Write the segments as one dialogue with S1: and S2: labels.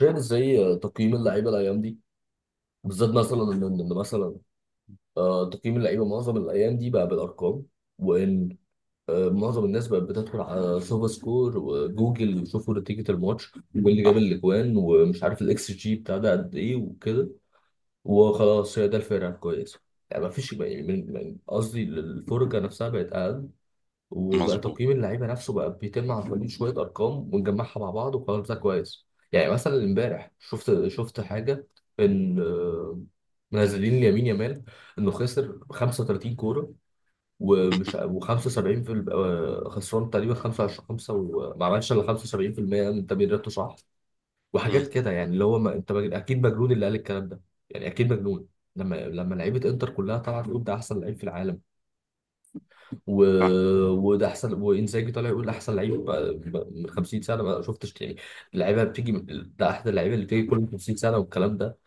S1: فاهم ازاي تقييم اللعيبه الايام دي، بالذات مثلا ان مثلا تقييم اللعيبه معظم الايام دي بقى بالارقام. وان آه، معظم الناس بقت بتدخل على سوفا سكور وجوجل ويشوفوا نتيجه الماتش واللي جاب
S2: صح.
S1: الاجوان ومش عارف الاكس جي بتاع ده قد ايه وكده، وخلاص هي ده الفرقه الكويسه. يعني ما فيش، يعني قصدي الفرجه نفسها بقت اقل، وبقى
S2: مظبوط.
S1: تقييم اللعيبه نفسه بقى بيتم عن طريق شويه ارقام ونجمعها مع بعض وقرار ده كويس. يعني مثلا امبارح شفت حاجه ان آه، منزلين لامين يامال انه خسر 35 كوره، ومش و75 في ال- آه، خسران تقريبا 25 5 وما عملش الا 75% من تمريراته، صح؟
S2: مم.
S1: وحاجات كده يعني، اللي هو ما انت اكيد مجنون اللي قال الكلام ده، يعني اكيد مجنون. لما لعيبه انتر كلها طلعت تقول ده احسن لعيب في العالم و...
S2: صح.
S1: وده احسن، وانزاجي طالع يقول ده احسن لعيب بقى من 50 سنه ما شفتش يعني، اللعيبه ده احد اللعيبه اللي بتيجي كل 50 سنه والكلام ده،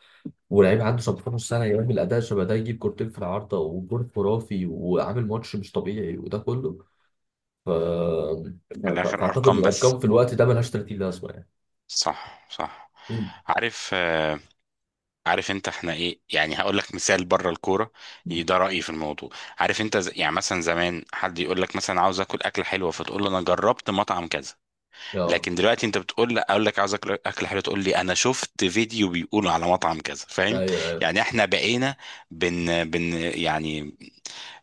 S1: ولعيب عنده 17 سنه يعمل اداء شبه ده، يجيب كورتين في العارضه وجول خرافي وعامل ماتش مش طبيعي وده كله.
S2: من الاخر
S1: فاعتقد
S2: ارقام بس.
S1: الارقام في الوقت ده ملهاش 30 لازمه يعني.
S2: صح، صح.
S1: مم.
S2: عارف، عارف انت احنا ايه؟ يعني هقول لك مثال بره الكوره. ده رايي في الموضوع. عارف انت، يعني مثلا زمان حد يقول لك مثلا عاوز اكل اكله حلوه فتقول له انا جربت مطعم كذا.
S1: اه،
S2: لكن دلوقتي انت بتقول لا، اقول لك عاوز اكل اكله حلوه تقول لي انا شفت فيديو بيقول على مطعم كذا، فاهم؟
S1: ايوه ايوه.
S2: يعني احنا بقينا بن بن يعني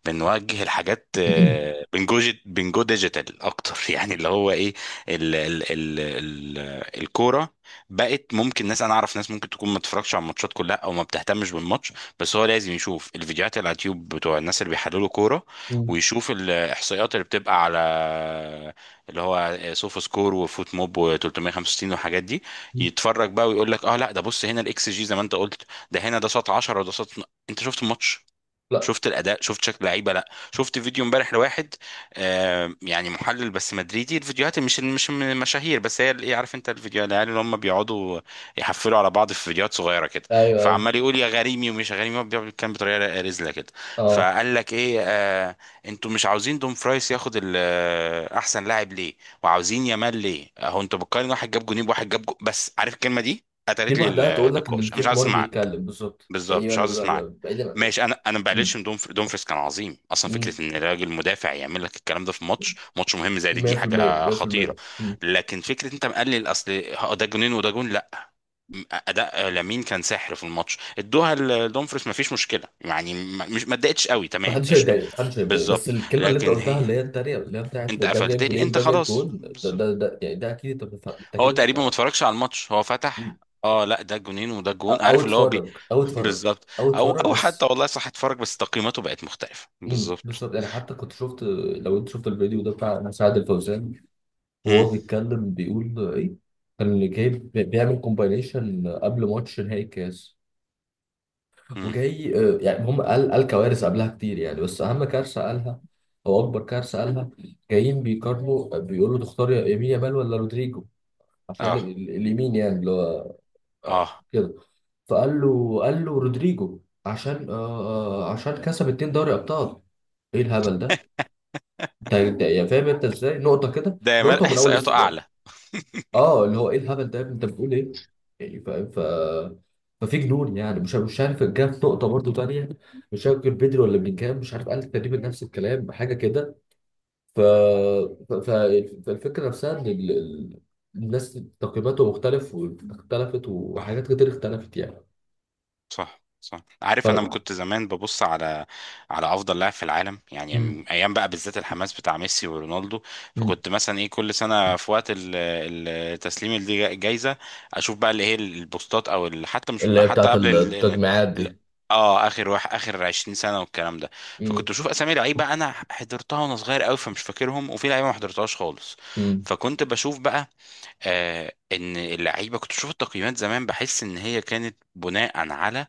S2: بنوجه الحاجات، بنجو ديجيتال اكتر يعني اللي هو ايه؟ ال ال ال ال الكوره بقت ممكن ناس، انا اعرف ناس ممكن تكون ما بتتفرجش على الماتشات كلها او ما بتهتمش بالماتش، بس هو لازم يشوف الفيديوهات اللي على اليوتيوب بتوع الناس اللي بيحللوا كوره،
S1: مم.
S2: ويشوف الاحصائيات اللي بتبقى على اللي هو سوفا سكور وفوت موب و365 والحاجات دي. يتفرج بقى ويقول لك اه لا ده بص هنا الاكس جي زي ما انت قلت، ده هنا ده شاط 10 وده شاط. انت شفت الماتش؟
S1: لا،
S2: شفت الاداء؟ شفت شكل لعيبه؟ لا، شفت فيديو امبارح لواحد آه يعني محلل بس مدريدي، الفيديوهات مش من المشاهير، بس هي ايه، عارف انت الفيديو، العيال اللي هم بيقعدوا يحفلوا على بعض في فيديوهات صغيره كده،
S1: ايوه ايوه،
S2: فعمال يقول يا غريمي ومش يا غريمي، هو بيقعد يتكلم بطريقه رزله كده.
S1: اه،
S2: فقال لك ايه آه انتوا مش عاوزين دوم فرايس ياخد احسن لاعب ليه؟ وعاوزين يامال ليه؟ اهو انتوا بتقارن واحد جاب جونين بواحد جاب جو... بس عارف الكلمه دي
S1: دي
S2: قتلت لي
S1: لوحدها تقول لك ان
S2: النقاش، انا
S1: في
S2: مش عايز
S1: حمار
S2: اسمعك.
S1: بيتكلم بالظبط
S2: بالظبط،
S1: يعني،
S2: مش
S1: انا
S2: عاوز اسمعك.
S1: بعيدا عن.
S2: ماشي، انا ما بقللش من دومفريس، كان عظيم اصلا.
S1: مم.
S2: فكره ان راجل مدافع يعمل لك الكلام ده في ماتش مهم زي دي
S1: 100%
S2: حاجه خطيره.
S1: 100%. مم.
S2: لكن فكره انت مقلل اصل، ده جونين وده جون، لا. اداء لامين كان سحر في الماتش، ادوها لدومفريس ما فيش مشكله يعني، مش ما اتضايقتش قوي، تمام،
S1: محدش
S2: قشطه.
S1: هيتضايق، محدش هيتضايق، بس
S2: بالظبط.
S1: الكلمه اللي انت
S2: لكن
S1: قلتها
S2: هي
S1: اللي هي التانيه، اللي هي بتاعت
S2: انت
S1: ده
S2: قفلت
S1: جايب
S2: لي
S1: جولين
S2: انت،
S1: ده جايب
S2: خلاص،
S1: جول ده يعني، ده اكيد انت بتفهم، انت
S2: هو
S1: اكيد
S2: تقريبا ما
S1: انت.
S2: اتفرجش على الماتش، هو فتح
S1: مم.
S2: اه لا ده جونين وده
S1: او
S2: جون،
S1: أو
S2: عارف اللي هو بي...
S1: اتفرج او اتفرج
S2: بالظبط.
S1: او
S2: او
S1: اتفرج
S2: او حتى
S1: بس.
S2: والله صح، اتفرج بس تقييماته بقت مختلفة.
S1: مم.
S2: بالظبط.
S1: بالظبط، يعني حتى كنت شفت، لو انت شفت الفيديو ده بتاع سعد الفوزان
S2: امم،
S1: وهو بيتكلم بيقول ايه، كان اللي جايب بيعمل كومباينيشن قبل ماتش نهائي الكاس،
S2: امم،
S1: وجاي يعني، هم قال كوارث قبلها كتير يعني، بس اهم كارثه
S2: امم.
S1: قالها، او اكبر كارثه قالها، جايين بيقارنوا بيقولوا تختار يا يمين يامال ولا رودريجو، عشان
S2: اه،
S1: اليمين يعني اللي هو
S2: اه.
S1: كده. فقال له قال له رودريجو، عشان آه، آه، عشان كسب اتنين دوري ابطال. ايه الهبل ده؟ يعني فاهم انت ازاي، نقطه كده
S2: ده يا مال
S1: نقطه، من اول
S2: احصائياته
S1: يعني
S2: اعلى.
S1: اه، اللي هو ايه الهبل ده يا ابني؟ انت بتقول ايه، يعني فاهم. ففي جنون يعني، مش عارف، جه في نقطه برضو تانية، مش فاكر بدري ولا بلينجهام، مش عارف، قال تقريبا نفس الكلام، حاجه كده. ف... ف... ف... فالفكره نفسها ان الناس تقييماته مختلف، واختلفت،
S2: صح.
S1: وحاجات كتير اختلفت يعني.
S2: صح، صح. عارف انا ما
S1: ف...
S2: كنت زمان ببص على افضل لاعب في العالم،
S1: مم.
S2: يعني ايام بقى، بالذات الحماس بتاع ميسي ورونالدو،
S1: مم.
S2: فكنت مثلا ايه كل سنه في وقت تسليم الجائزه، اشوف بقى اللي هي البوستات او حتى مش
S1: اللي هي
S2: حتى
S1: بتاعت
S2: قبل
S1: التجميعات
S2: ال-
S1: دي.
S2: اه اخر واحد، اخر 20 سنه والكلام ده.
S1: مم.
S2: فكنت بشوف اسامي لعيبه انا حضرتها وانا صغير قوي فمش فاكرهم، وفي لعيبه ما حضرتهاش خالص.
S1: مم.
S2: فكنت بشوف بقى آه ان اللعيبه، كنت بشوف التقييمات زمان بحس ان هي كانت بناء على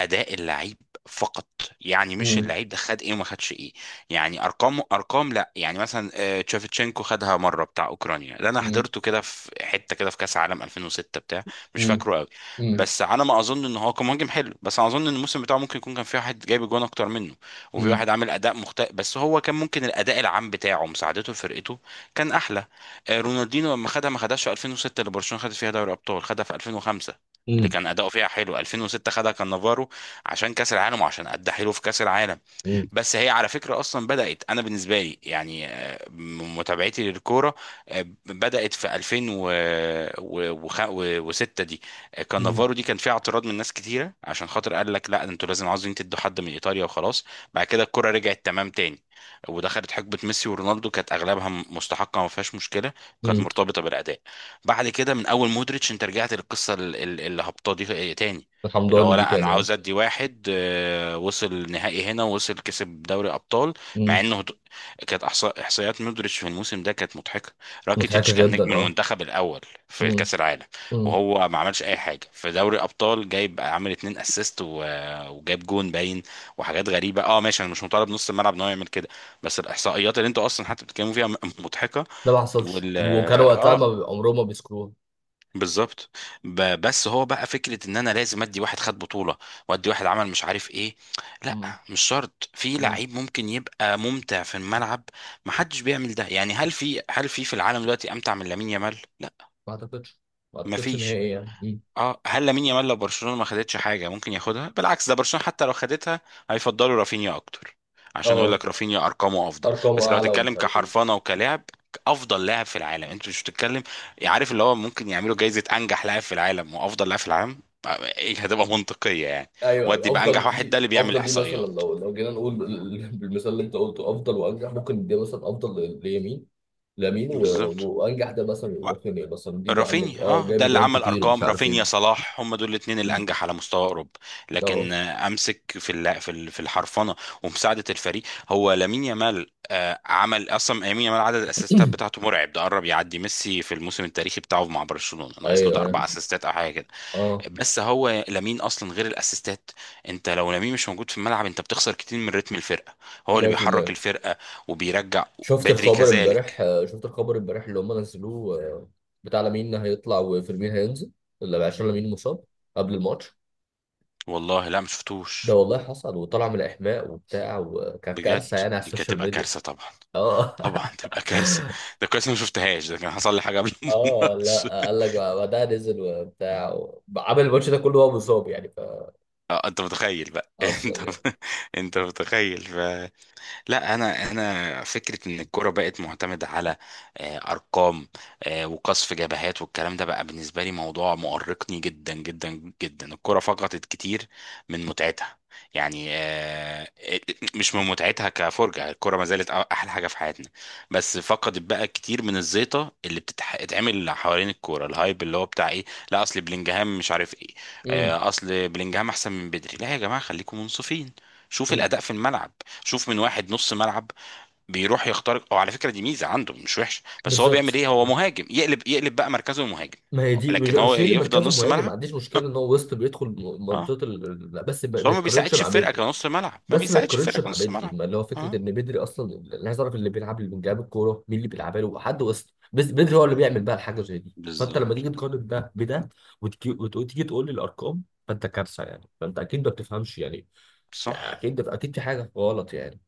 S2: اداء اللعيب فقط، يعني مش
S1: مم.
S2: اللعيب ده خد ايه وما خدش ايه، يعني ارقام، ارقام لا. يعني مثلا تشافيتشينكو خدها مره، بتاع اوكرانيا ده، انا
S1: مم.
S2: حضرته كده في حته كده في كاس عالم 2006، بتاع مش
S1: مم.
S2: فاكره قوي،
S1: مم.
S2: بس على ما اظن ان هو كان مهاجم حلو، بس انا اظن ان الموسم بتاعه ممكن يكون كان في واحد جايب جوان اكتر منه، وفي
S1: مم.
S2: واحد عامل اداء مختلف، بس هو كان ممكن الاداء العام بتاعه مساعدته لفرقته كان احلى. رونالدينو لما خدها، ما خدهاش في 2006 اللي برشلونه خدت فيها دوري ابطال، خدها في 2005 اللي
S1: مم.
S2: كان اداؤه فيها حلو. 2006 خدها كان نافارو، عشان كاس العالم وعشان ادى حلو في كاس العالم.
S1: مم.
S2: بس هي على فكره اصلا بدات انا بالنسبه لي يعني من متابعتي للكوره بدات في 2006 دي. كان نافارو، دي كان فيها اعتراض من ناس كتيره، عشان خاطر قال لك لا انتوا لازم عاوزين تدوا حد من ايطاليا وخلاص. بعد كده الكوره رجعت تمام تاني، ودخلت حقبه ميسي ورونالدو كانت اغلبها مستحقه، ما فيهاش مشكله، كانت
S1: مم.
S2: مرتبطه بالاداء. بعد كده من اول مودريتش انت رجعت للقصه الهبطه دي تاني، اللي
S1: الحمضاني
S2: هو
S1: دي
S2: لا انا
S1: تاني اهو.
S2: عاوز ادي واحد وصل نهائي هنا ووصل كسب دوري ابطال، مع انه كانت احصائيات مودريتش في الموسم ده كانت مضحكه. راكيتيتش
S1: مضحكة
S2: كان
S1: جدا
S2: نجم
S1: اه.
S2: المنتخب الاول في
S1: مم.
S2: كاس العالم،
S1: مم.
S2: وهو ما عملش اي حاجه في دوري ابطال، جايب عامل 2 اسيست وجايب جون باين وحاجات غريبه. اه ماشي انا مش مطالب نص الملعب ان هو يعمل كده، بس الاحصائيات اللي انتوا اصلا حتى بتتكلموا فيها مضحكه.
S1: ده ما حصلش،
S2: وال
S1: وكان وقتها ما
S2: اه،
S1: بي- عمرهم ما بيذكروها.
S2: بالظبط. بس هو بقى فكره ان انا لازم ادي واحد خد بطوله وادي واحد عمل مش عارف ايه، لا.
S1: مم.
S2: مش شرط، في
S1: مم.
S2: لعيب ممكن يبقى ممتع في الملعب، محدش بيعمل ده يعني. هل في في العالم دلوقتي امتع من لامين يامال؟ لا،
S1: ما اعتقدش، ما اعتقدش ان هي
S2: مفيش.
S1: ايه يعني. مم.
S2: اه، هل لامين يامال لو برشلونه ما خدتش حاجه ممكن ياخدها؟ بالعكس، ده برشلونه حتى لو خدتها هيفضلوا رافينيا اكتر، عشان يقول
S1: اه.
S2: لك رافينيا ارقامه افضل.
S1: ارقام
S2: بس لو
S1: اعلى ومش
S2: هتتكلم
S1: عارف ايه.
S2: كحرفنه وكلاعب افضل لاعب في العالم، انت مش بتتكلم. يعني عارف اللي هو ممكن يعملوا جايزه انجح لاعب في العالم وافضل لاعب في العالم، ايه هتبقى منطقيه يعني.
S1: ايوه
S2: ودي
S1: أيوة.
S2: بقى
S1: افضل
S2: انجح واحد ده
S1: دي
S2: اللي بيعمل
S1: افضل دي مثلا،
S2: احصائيات.
S1: لو جينا نقول بالمثال اللي انت قلته، افضل وانجح، ممكن دي مثلا افضل ليمين، لامين،
S2: بالظبط،
S1: وانجح ده مثلا ممكن ايه، مثلا دي يا عم
S2: رافينيا،
S1: اه،
S2: اه
S1: جاب
S2: ده اللي
S1: جوان
S2: عمل
S1: كتير ومش
S2: ارقام.
S1: عارف ايه.
S2: رافينيا، صلاح، هم دول الاثنين
S1: مم.
S2: الانجح على مستوى اوروبا.
S1: اه.
S2: لكن امسك في في الحرفنه ومساعده الفريق. هو لامين يامال عمل اصلا، لامين يامال عدد الاسيستات بتاعته مرعب، ده قرب يعدي ميسي في الموسم التاريخي بتاعه مع برشلونه، ناقص له
S1: ايوه
S2: ده اربع
S1: ايوه.
S2: اسيستات او حاجه كده.
S1: اه.
S2: بس هو لامين اصلا غير الاسيستات، انت لو لامين مش موجود في الملعب انت بتخسر كتير من رتم الفرقه، هو اللي بيحرك
S1: 100%.
S2: الفرقه وبيرجع،
S1: شفت
S2: بدري
S1: الخبر
S2: كذلك.
S1: امبارح، شفت الخبر امبارح اللي هم نزلوه، بتاع لامين هيطلع وفيرمين هينزل، اللي عشان لامين مصاب قبل الماتش.
S2: والله لا
S1: ده
S2: مشفتوش.
S1: والله حصل، وطلع من الاحماء وبتاع، وكانت
S2: بجد،
S1: كارثه يعني على
S2: دي كانت
S1: السوشيال
S2: تبقى
S1: ميديا.
S2: كارثه طبعا،
S1: اه.
S2: طبعا تبقى كارثه. ده كويس إني ما شفتهاش، ده كان حصل لي حاجه قبل
S1: اه
S2: الماتش.
S1: لا، قال لك بعدها نزل وبتاع، عمل الماتش ده كله وهو مصاب يعني، ف
S2: اه، انت متخيل بقى انت،
S1: اصلا يعني.
S2: انت متخيل. لا، انا فكره ان الكوره بقت معتمده على ارقام وقصف جبهات والكلام ده، بقى بالنسبه لي موضوع مؤرقني جدا جدا جدا. الكوره فقدت كتير من متعتها، يعني مش من متعتها كفرجه، الكوره ما زالت احلى حاجه في حياتنا، بس فقدت بقى كتير من الزيطه اللي بتتعمل حوالين الكوره، الهايب اللي هو بتاع ايه؟ لا اصل بلينجهام مش عارف ايه.
S1: امم.
S2: اصل بلينجهام احسن من بدري، لا يا جماعه خليكم منصفين. شوف
S1: أمم.
S2: الاداء في الملعب. شوف من واحد نص ملعب بيروح يخترق، او على فكره دي ميزه عنده مش وحش، بس هو بيعمل
S1: بالظبط،
S2: ايه، هو مهاجم، يقلب يقلب بقى مركزه مهاجم.
S1: ما هي دي، مش
S2: لكن هو
S1: مش هي اللي
S2: يفضل
S1: مركزه
S2: نص
S1: مهاجم، ما
S2: ملعب
S1: عنديش مشكله ان هو وسط بيدخل
S2: اه،
S1: منطقه لا، بس ما
S2: بس
S1: ما
S2: هو ما
S1: يتقارنش
S2: بيساعدش
S1: مع
S2: الفرقه
S1: بدري.
S2: كنص ملعب، ما
S1: بس ما
S2: بيساعدش
S1: يتقارنش
S2: الفرقه
S1: مع
S2: كنص
S1: بدري،
S2: ملعب.
S1: ما اللي هو فكره
S2: اه،
S1: ان بدري اصلا، اللي عايز اعرف، اللي بيلعب، اللي بيلعب الكوره مين؟ اللي بيلعبها له حد وسط، بس بدري هو اللي بيعمل بقى الحاجه زي دي. فانت لما
S2: بالظبط،
S1: تيجي تقارن ده بده، وتيجي تقول لي الارقام، فانت كارثه يعني، فانت اكيد ما بتفهمش يعني،
S2: صح،
S1: يعني اكيد اكيد في حاجه غلط يعني.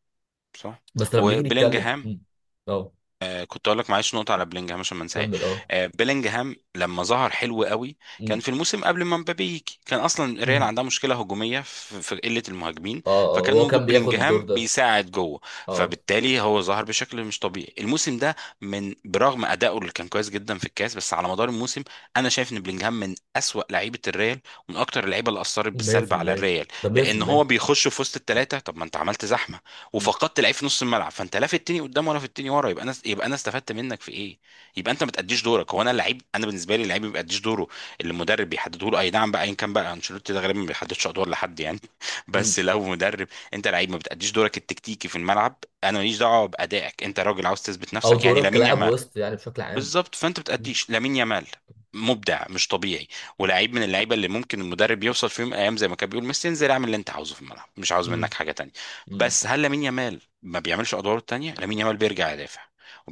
S2: صح.
S1: بس لما نيجي نتكلم،
S2: وبلينجهام،
S1: مم. اه،
S2: آه كنت اقول لك معلش نقطه على بلينجهام عشان ما انساهاش.
S1: كمل، اه.
S2: آه، بلينجهام لما ظهر حلو قوي، كان
S1: مم.
S2: في الموسم قبل ما مبابي يجي، كان اصلا ريال
S1: مم.
S2: عندها مشكله هجوميه في قله المهاجمين،
S1: اه، اه
S2: فكان
S1: هو كان
S2: وجود
S1: بياخد الدور
S2: بلينجهام
S1: ده،
S2: بيساعد جوه.
S1: اه.
S2: فبالتالي هو ظهر بشكل مش طبيعي الموسم ده، من برغم ادائه اللي كان كويس جدا في الكاس، بس على مدار الموسم انا شايف ان بلينجهام من اسوأ لعيبه الريال، ومن اكتر اللعيبه اللي اثرت بالسلب على
S1: 100%.
S2: الريال،
S1: ده
S2: لان هو
S1: 100%.
S2: بيخش في وسط الثلاثه، طب ما انت عملت زحمه
S1: مم.
S2: وفقدت لعيب في نص الملعب، فانت لا في التاني قدام ولا في التاني ورا، يبقى انا استفدت منك في ايه؟ يبقى انت ما تأديش دورك. هو انا اللعيب، انا بالنسبه لي اللعيب ما بيأديش دوره اللي المدرب بيحدده له، اي نعم بقى ايا كان، بقى انشيلوتي ده غالبا ما بيحددش ادوار لحد يعني
S1: مم.
S2: بس لو مدرب، انت لعيب ما بتأديش دورك التكتيكي في الملعب، انا ماليش دعوه بأدائك، انت راجل عاوز تثبت
S1: او
S2: نفسك يعني.
S1: دورك
S2: لامين
S1: كلاعب
S2: يامال
S1: وسط يعني بشكل عام.
S2: بالظبط، فانت
S1: مم.
S2: بتأديش. لامين يامال مبدع مش طبيعي، ولاعيب من اللعيبه اللي ممكن المدرب يوصل في يوم من الايام زي ما كان بيقول ميسي انزل اعمل اللي انت عاوزه في الملعب، مش عاوز
S1: مم.
S2: منك حاجه تانية.
S1: مم.
S2: بس هل لامين يامال ما بيعملش ادواره التانية؟ لامين يامال بيرجع يدافع،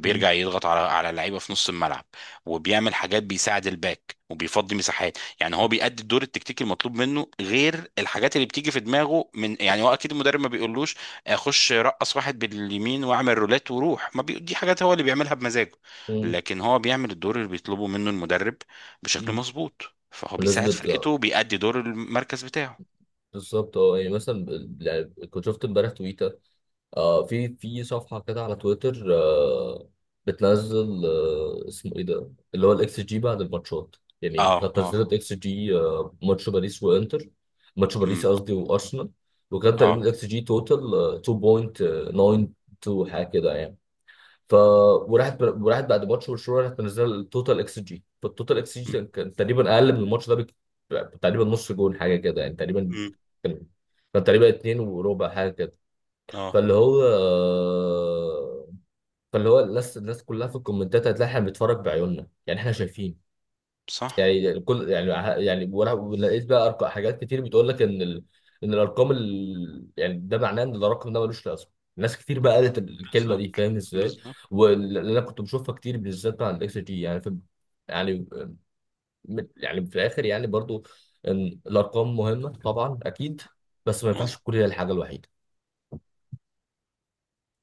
S1: مم.
S2: يضغط على اللعيبه في نص الملعب، وبيعمل حاجات بيساعد الباك وبيفضي مساحات يعني، هو بيأدي الدور التكتيكي المطلوب منه، غير الحاجات اللي بتيجي في دماغه، من يعني هو اكيد المدرب ما بيقولوش اخش رقص واحد باليمين واعمل رولات وروح ما بي... دي حاجات هو اللي بيعملها بمزاجه.
S1: مم.
S2: لكن هو بيعمل الدور اللي بيطلبه منه المدرب بشكل
S1: مم.
S2: مظبوط، فهو بيساعد
S1: بمناسبة.
S2: فرقته، بيأدي دور المركز بتاعه.
S1: بالظبط، اه يعني مثلا، يعني كنت شفت امبارح تويتر، في صفحة كده على تويتر، بتنزل، اسمه ايه ده، اللي هو الاكس جي بعد الماتشات، يعني
S2: اه،
S1: كانت نزلت
S2: اه،
S1: اكس جي ماتش باريس وانتر، ماتش باريس
S2: امم،
S1: قصدي وارسنال، وكان تقريبا
S2: اه،
S1: الاكس جي توتال 2.92 حاجة كده يعني. ف وراحت بعد ماتش برشلونه، راحت منزله التوتال اكس جي، فالتوتال اكس جي كان تقريبا اقل من الماتش ده تقريبا نص جون حاجه كده يعني، تقريبا
S2: امم،
S1: كان، كان تقريبا اتنين وربع حاجه كده.
S2: اه،
S1: فاللي هو، فاللي هو الناس كلها في الكومنتات، هتلاقي احنا بنتفرج بعيوننا يعني، احنا شايفين
S2: صح،
S1: يعني، الكل يعني، يعني وانا لقيت بقى أرقام، حاجات كتير بتقول لك ان ان الارقام يعني، ده معناه ان الرقم ده ملوش لازمه، ناس كتير بقى قالت الكلمه دي،
S2: بالظبط،
S1: فاهم ازاي.
S2: بالظبط،
S1: واللي انا كنت بشوفها كتير بالذات مع الاكس جي، يعني في، يعني يعني في الاخر يعني برضو، إن الارقام مهمه طبعا اكيد، بس ما ينفعش
S2: مظبوط.
S1: تكون هي الحاجه الوحيده.